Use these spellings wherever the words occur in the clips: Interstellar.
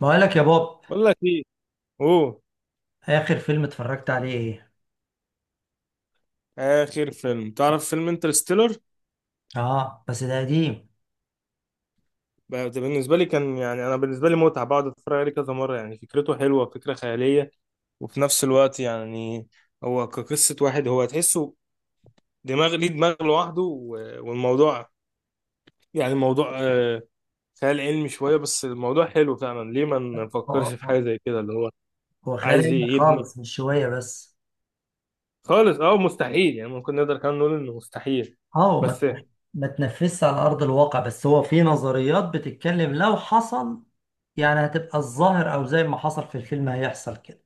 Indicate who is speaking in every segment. Speaker 1: بقول لك يا بوب،
Speaker 2: بقول لك ايه. اوه،
Speaker 1: اخر فيلم اتفرجت عليه ايه؟
Speaker 2: اخر فيلم تعرف فيلم انترستيلر؟
Speaker 1: اه بس ده قديم.
Speaker 2: ده بالنسبه لي كان، يعني، انا بالنسبه لي متعه بقعد اتفرج عليه كذا مره. يعني فكرته حلوه، فكره خياليه، وفي نفس الوقت يعني هو كقصه واحد هو تحسه دماغ، ليه دماغ لوحده. والموضوع يعني الموضوع خيال علمي شويه، بس الموضوع حلو فعلا. ليه ما
Speaker 1: هو
Speaker 2: نفكرش في حاجه
Speaker 1: هو-
Speaker 2: زي كده؟ اللي هو
Speaker 1: هو
Speaker 2: عايز
Speaker 1: خيال علمي
Speaker 2: يبني.
Speaker 1: خالص مش شويه بس.
Speaker 2: خالص، اه، مستحيل يعني، ممكن نقدر كمان نقول انه مستحيل.
Speaker 1: اه هو
Speaker 2: بس
Speaker 1: ما تنفذش على ارض الواقع، بس هو في نظريات بتتكلم لو حصل يعني هتبقى الظاهر، او زي ما حصل في الفيلم هيحصل كده.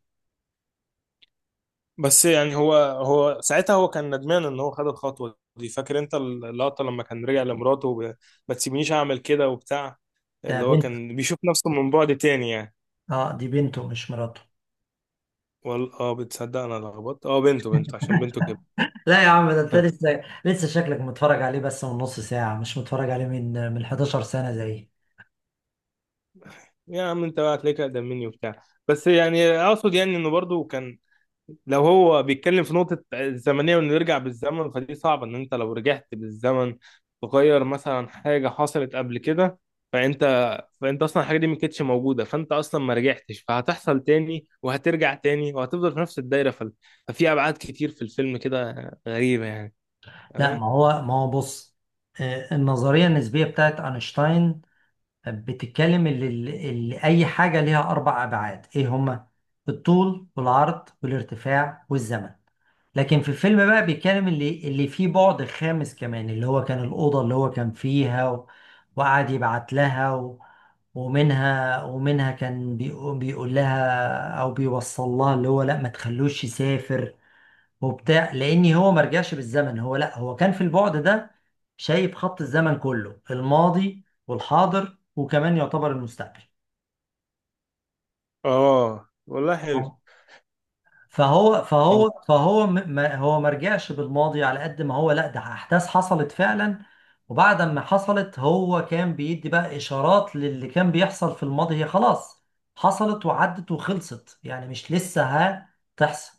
Speaker 2: بس يعني هو ساعتها هو كان ندمان ان هو خد الخطوه دي. فاكر انت اللقطه لما كان رجع لمراته ما تسيبنيش اعمل كده وبتاع،
Speaker 1: ده
Speaker 2: اللي هو
Speaker 1: بنت.
Speaker 2: كان بيشوف نفسه من بعد تاني يعني.
Speaker 1: اه دي بنته مش مراته.
Speaker 2: وال بتصدق انا لخبطت، بنته، بنته عشان بنته كده.
Speaker 1: لا يا عم، ده انت لسه شكلك متفرج عليه بس من نص ساعه، مش متفرج عليه من 11 سنه زي.
Speaker 2: يا عم انت بقى هتلاقيك اقدم مني وبتاع. بس يعني اقصد يعني انه برضو كان، لو هو بيتكلم في نقطة الزمنية وإنه يرجع بالزمن، فدي صعبة. إن أنت لو رجعت بالزمن تغير مثلا حاجة حصلت قبل كده، فأنت، فأنت أصلا الحاجة دي ما كانتش موجودة، فأنت أصلا ما رجعتش، فهتحصل تاني وهترجع تاني وهتفضل في نفس الدايرة. ف- ففي أبعاد كتير في الفيلم كده غريبة يعني.
Speaker 1: لا ما
Speaker 2: تمام.
Speaker 1: هو ما هو بص، النظريه النسبيه بتاعت اينشتاين بتتكلم اللي أي حاجة ليها أربع أبعاد، إيه هما؟ الطول والعرض والارتفاع والزمن. لكن في الفيلم بقى بيتكلم اللي فيه بعد خامس كمان، اللي هو كان الأوضة اللي هو كان فيها و... وقعد يبعت لها و... ومنها كان بيقول لها أو بيوصل لها اللي هو لأ ما تخلوش يسافر وبتاع، لان هو ما رجعش بالزمن، هو لا هو كان في البعد ده، شايف خط الزمن كله، الماضي والحاضر وكمان يعتبر المستقبل.
Speaker 2: آه والله حلو.
Speaker 1: فهو
Speaker 2: م.
Speaker 1: فهو فهو م- ما هو ما رجعش بالماضي على قد ما هو، لا ده احداث حصلت فعلا، وبعد ما حصلت هو كان بيدي بقى اشارات للي كان بيحصل في الماضي، هي خلاص حصلت وعدت وخلصت يعني، مش لسه هتحصل.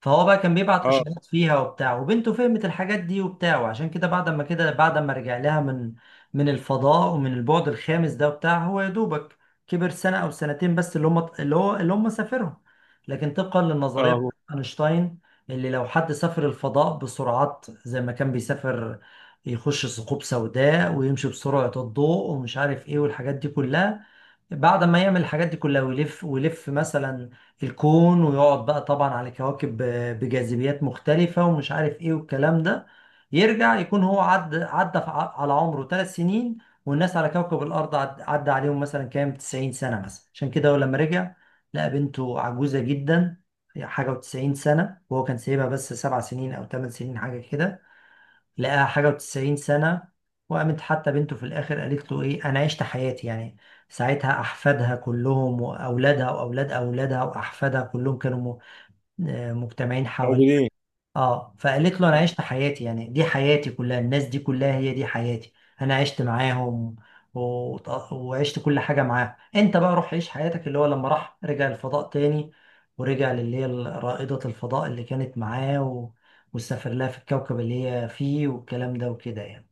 Speaker 1: فهو بقى كان بيبعت
Speaker 2: آه.
Speaker 1: اشارات فيها وبتاع، وبنته فهمت الحاجات دي وبتاع، وعشان كده بعد ما كده بعد ما رجع لها من الفضاء ومن البعد الخامس ده وبتاع، هو يا دوبك كبر سنة او سنتين بس، اللي هم اللي هو اللي هم سافرهم. لكن طبقا للنظرية
Speaker 2: آه.
Speaker 1: بتاعت اينشتاين، اللي لو حد سافر الفضاء بسرعات زي ما كان بيسافر، يخش ثقوب سوداء ويمشي بسرعة الضوء ومش عارف ايه والحاجات دي كلها، بعد ما يعمل الحاجات دي كلها ويلف ويلف مثلا الكون ويقعد بقى طبعا على كواكب بجاذبيات مختلفة ومش عارف ايه والكلام ده، يرجع يكون هو عدى في على عمره 3 سنين، والناس على كوكب الأرض عدى عليهم مثلا كام 90 سنة مثلا. عشان كده هو لما رجع لقى بنته عجوزة جدا، حاجة و90 سنة، وهو كان سايبها بس 7 سنين أو 8 سنين حاجة كده، لقاها حاجة وتسعين سنة. وقامت حتى بنته في الآخر قالت له إيه، أنا عشت حياتي يعني، ساعتها أحفادها كلهم وأولادها وأولاد أولادها وأحفادها كلهم كانوا مجتمعين حواليها.
Speaker 2: موجودين.
Speaker 1: اه فقالت له انا عشت حياتي يعني، دي حياتي كلها، الناس دي كلها هي دي حياتي، انا عشت معاهم و... وعشت كل حاجه معاهم، انت بقى روح عيش حياتك. اللي هو لما راح رجع الفضاء تاني ورجع للي هي رائده الفضاء اللي كانت معاه و... وسافر لها في الكوكب اللي هي فيه والكلام ده وكده يعني.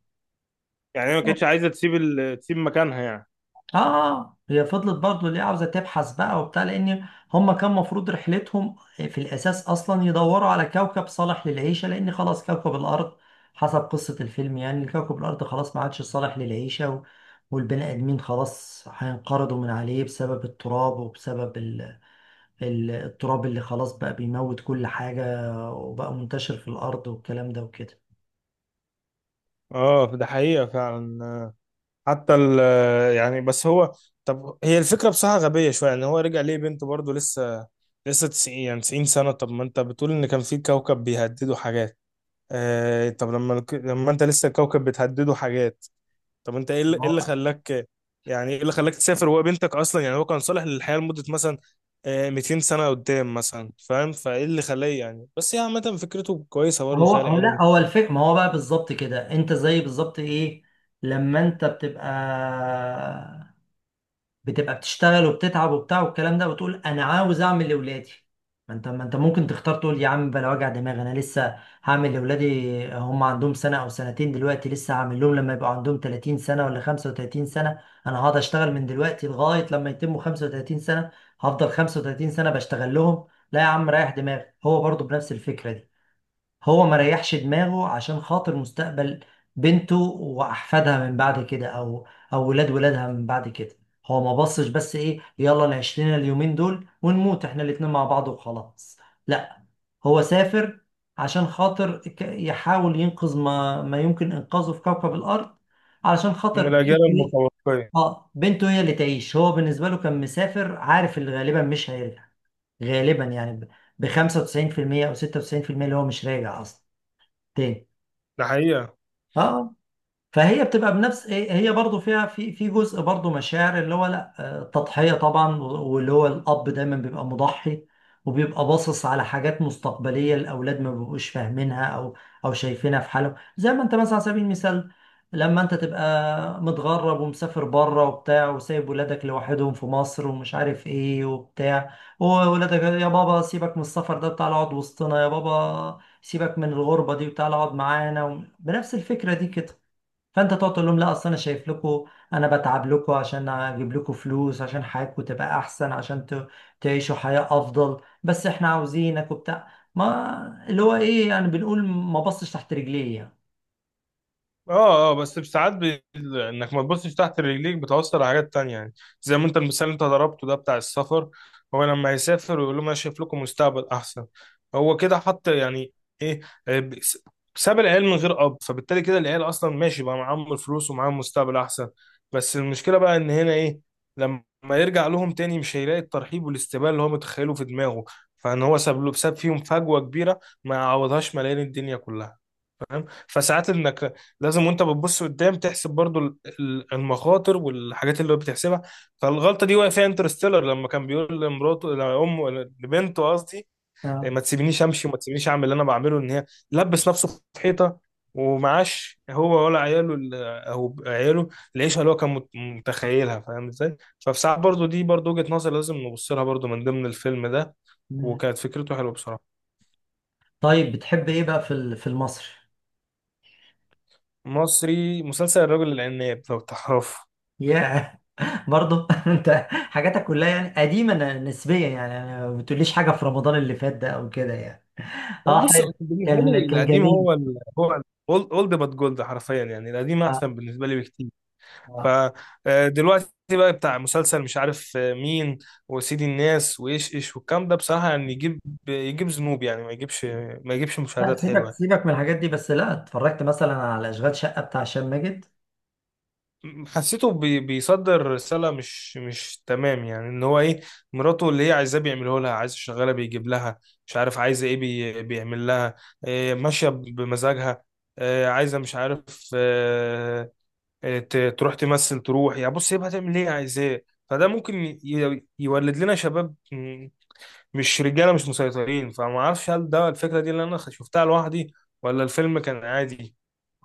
Speaker 2: يعني هي ما كانتش عايزة تسيب ال... تسيب مكانها يعني.
Speaker 1: اه هي فضلت برضو ليه عاوزه تبحث بقى وبتاع، لان هم كان مفروض رحلتهم في الاساس اصلا يدوروا على كوكب صالح للعيشه، لان خلاص كوكب الارض حسب قصه الفيلم يعني كوكب الارض خلاص ما عادش صالح للعيشه، و... والبني ادمين خلاص هينقرضوا من عليه بسبب التراب وبسبب التراب اللي خلاص بقى بيموت كل حاجه وبقى منتشر في الارض والكلام ده وكده.
Speaker 2: آه ده حقيقة فعلا. حتى ال يعني، بس هو، طب هي الفكرة بصراحة غبية شوية. يعني هو رجع ليه بنته برضه لسه 90، يعني 90 سنة. طب ما انت بتقول ان كان في كوكب بيهددوا حاجات؟ آه، طب لما لما انت لسه الكوكب بتهدده حاجات، طب انت ايه اللي إيه اللي خلاك، يعني ايه اللي خلاك تسافر وهو بنتك اصلا؟ يعني هو كان صالح للحياة لمدة مثلا، آه، 200 سنة قدام مثلا، فاهم؟ فايه اللي خلاه يعني؟ بس هي عامة فكرته كويسة برضه،
Speaker 1: هو
Speaker 2: خيال
Speaker 1: هو
Speaker 2: علمي.
Speaker 1: لا هو الفكرة، ما هو بقى بالظبط كده، انت زي بالظبط ايه لما انت بتبقى بتشتغل وبتتعب وبتاع والكلام ده، وتقول انا عاوز اعمل لاولادي. ما انت ممكن تختار تقول يا عم بلا وجع دماغ، انا لسه هعمل لاولادي، هم عندهم سنة او سنتين دلوقتي، لسه هعمل لهم لما يبقوا عندهم 30 سنة ولا 35 سنة، انا هقعد اشتغل من دلوقتي لغاية لما يتموا 35 سنة، هفضل 35 سنة بشتغل لهم؟ لا يا عم ريح دماغك. هو برضه بنفس الفكرة، هو ما ريحش دماغه عشان خاطر مستقبل بنته واحفادها من بعد كده، او او ولاد ولادها من بعد كده. هو ما بصش بس ايه، يلا نعيش لنا اليومين دول ونموت احنا الاتنين مع بعض وخلاص، لا هو سافر عشان خاطر يحاول ينقذ ما يمكن انقاذه في كوكب الارض، علشان
Speaker 2: من
Speaker 1: خاطر
Speaker 2: الأجيال
Speaker 1: بنته
Speaker 2: المتوقعة.
Speaker 1: اه بنته هي اللي تعيش. هو بالنسبه له كان مسافر عارف اللي غالبا مش هيرجع، غالبا يعني ب 95% او 96%، اللي هو مش راجع اصلا تاني.
Speaker 2: ده حقيقة.
Speaker 1: اه فهي بتبقى بنفس هي برضو فيها في جزء برضو مشاعر، اللي هو لا تضحية طبعا واللي هو الأب دايما بيبقى مضحي، وبيبقى باصص على حاجات مستقبلية الأولاد ما بيبقوش فاهمينها، أو أو شايفينها في حالهم، زي ما أنت مثلا على سبيل المثال لما أنت تبقى متغرب ومسافر بره وبتاع، وسايب ولادك لوحدهم في مصر، ومش عارف إيه وبتاع، وولادك يا بابا سيبك من السفر ده تعالى اقعد وسطنا، يا بابا سيبك من الغربة دي وتعالى اقعد معانا، بنفس الفكرة دي كده. فانت تقعد تقول لهم لا اصل انا شايف لكم، انا بتعب لكم عشان اجيب لكم فلوس عشان حياتكم تبقى احسن، عشان تعيشوا حياة افضل. بس احنا عاوزينك وبتاع، ما اللي هو ايه يعني، بنقول ما بصش تحت رجليه يعني.
Speaker 2: اه، اه، بس ساعات بي... انك ما تبصش تحت رجليك بتوصل لحاجات تانية يعني. زي ما انت المثال اللي انت ضربته ده بتاع السفر، هو لما هيسافر ويقول لهم انا شايف لكم مستقبل احسن، هو كده حط يعني، ايه، آه، ب- س- ساب العيال من غير اب، فبالتالي كده العيال اصلا ماشي، بقى معاهم الفلوس ومعاهم مستقبل احسن. بس المشكلة بقى ان هنا ايه، لما يرجع لهم تاني مش هيلاقي الترحيب والاستقبال اللي هو متخيله في دماغه. فان هو ساب فيهم فجوة كبيرة ما يعوضهاش ملايين الدنيا كلها. فساعات انك لازم وانت بتبص قدام تحسب برضو المخاطر والحاجات اللي هو بتحسبها. فالغلطه دي وقع فيها انترستيلر لما كان بيقول لمراته، لامه، لبنته قصدي، "إيه،
Speaker 1: اه.
Speaker 2: ما تسيبنيش امشي وما تسيبنيش اعمل اللي انا بعمله"، ان هي لبس نفسه في حيطه ومعاش هو ولا عياله ال- او عياله العيشه اللي هو كان متخيلها، فاهم ازاي؟ ففي ساعات برضو دي برضو وجهه نظر لازم نبص لها برضو من ضمن الفيلم ده.
Speaker 1: مم.
Speaker 2: وكانت فكرته حلوه بصراحه.
Speaker 1: طيب بتحب ايه بقى في في المصري؟
Speaker 2: مصري مسلسل الرجل العناب لو تعرفه.
Speaker 1: ياه. برضه انت حاجاتك كلها يعني قديمة نسبيا يعني، يعني ما بتقوليش حاجة في رمضان اللي فات ده او كده يعني؟
Speaker 2: انا
Speaker 1: اه
Speaker 2: بص
Speaker 1: حلو.
Speaker 2: بالنسبه
Speaker 1: كان
Speaker 2: لي
Speaker 1: كان
Speaker 2: القديم
Speaker 1: جميل.
Speaker 2: هو ال هو اولد بات جولد، حرفيا يعني القديم
Speaker 1: آه.
Speaker 2: احسن بالنسبه لي بكتير.
Speaker 1: آه.
Speaker 2: فدلوقتي بقى بتاع مسلسل مش عارف مين، وسيدي الناس وايش ايش والكلام ده بصراحه يعني يجيب، يجيب ذنوب يعني، ما يجيبش، ما يجيبش
Speaker 1: لا
Speaker 2: مشاهدات
Speaker 1: سيبك
Speaker 2: حلوه.
Speaker 1: سيبك من الحاجات دي، بس لا اتفرجت مثلا على اشغال شقه بتاع هشام ماجد؟
Speaker 2: حسيته بي بيصدر رسالة مش تمام يعني، ان هو ايه، مراته اللي هي عايزاه بيعمله لها. عايز شغالة بيجيب لها، مش عارف عايزة ايه بي بيعمل لها، إيه ماشية بمزاجها، إيه عايزة مش عارف إيه، تروح تمثل تروح يعني. بص هي هتعمل ايه؟ عايزاه. فده ممكن يولد لنا شباب مش رجالة مش مسيطرين. فما اعرفش هل ده الفكرة دي اللي انا شفتها لوحدي، ولا الفيلم كان عادي،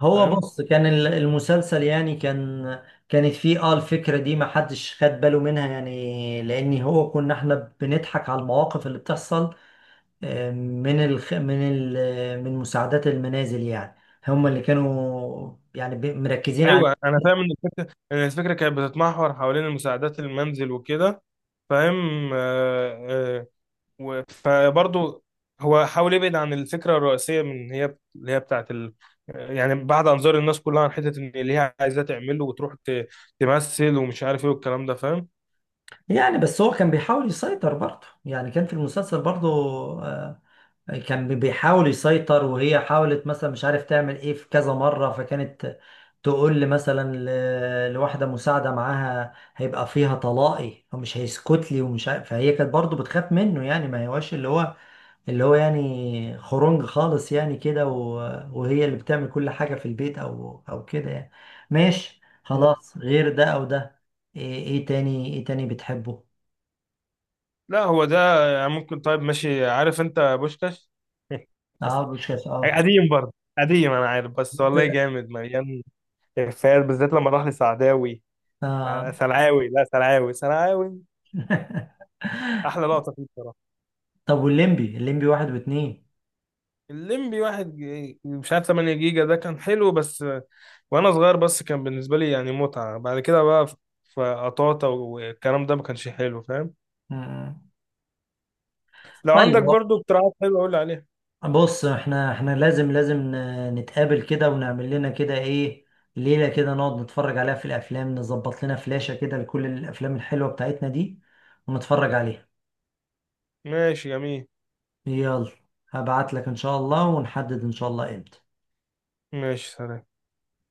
Speaker 1: هو
Speaker 2: فاهم؟
Speaker 1: بص، كان المسلسل يعني كان، كانت فيه اه الفكره دي ما حدش خد باله منها يعني، لان هو كنا احنا بنضحك على المواقف اللي بتحصل، آه، من الخ... من ال... من مساعدات المنازل يعني، هم اللي كانوا يعني مركزين عليه.
Speaker 2: ايوه انا فاهم ان الفكره، إن الفكره كانت بتتمحور حوالين المساعدات المنزل وكده، فاهم. فبرضه هو حاول يبعد عن الفكره الرئيسيه من اللي هي بتاعت ال... يعني بعد انظار الناس كلها عن حته ان اللي هي عايزاه تعمله وتروح تمثل ومش عارف ايه والكلام ده، فاهم.
Speaker 1: يعني بس هو كان بيحاول يسيطر برضه، يعني كان في المسلسل برضه آه، كان بيحاول يسيطر، وهي حاولت مثلا مش عارف تعمل ايه في كذا مرة، فكانت تقول لي مثلا لواحدة مساعدة معاها هيبقى فيها طلاقي ومش هيسكت لي ومش عارف، فهي كانت برضو بتخاف منه يعني، ما هواش اللي هو اللي هو يعني خرنج خالص يعني كده، وهي اللي بتعمل كل حاجة في البيت او او كده يعني. ماشي خلاص، غير ده او ده، إيه تاني ايه تاني بتحبه؟
Speaker 2: لا هو ده يعني ممكن، طيب ماشي. عارف انت بوشكاش؟
Speaker 1: اه مش كده اه.
Speaker 2: قديم برضه. قديم انا عارف، بس والله جامد مليان افيهات. بالذات لما راح لسعداوي،
Speaker 1: آه.
Speaker 2: سلعاوي، لا سلعاوي، سلعاوي احلى لقطه فيه بصراحه.
Speaker 1: طب والليمبي، الليمبي واحد واتنين؟
Speaker 2: الليمبي واحد، مش عارف 8 جيجا، ده كان حلو، بس وانا صغير. بس كان بالنسبه لي يعني متعه. بعد كده بقى، فقطاطا والكلام ده ما كانش حلو، فاهم.
Speaker 1: مم.
Speaker 2: لو
Speaker 1: طيب
Speaker 2: عندك برضو اقتراحات حلوه قول لي عليها.
Speaker 1: بص احنا لازم نتقابل كده ونعمل لنا كده ايه، ليلة كده نقعد نتفرج عليها في الافلام، نظبط لنا فلاشة كده لكل الافلام الحلوة بتاعتنا دي ونتفرج عليها.
Speaker 2: ماشي جميل.
Speaker 1: يلا هبعت لك ان شاء الله ونحدد ان شاء الله امتى.
Speaker 2: ماشي، سلام.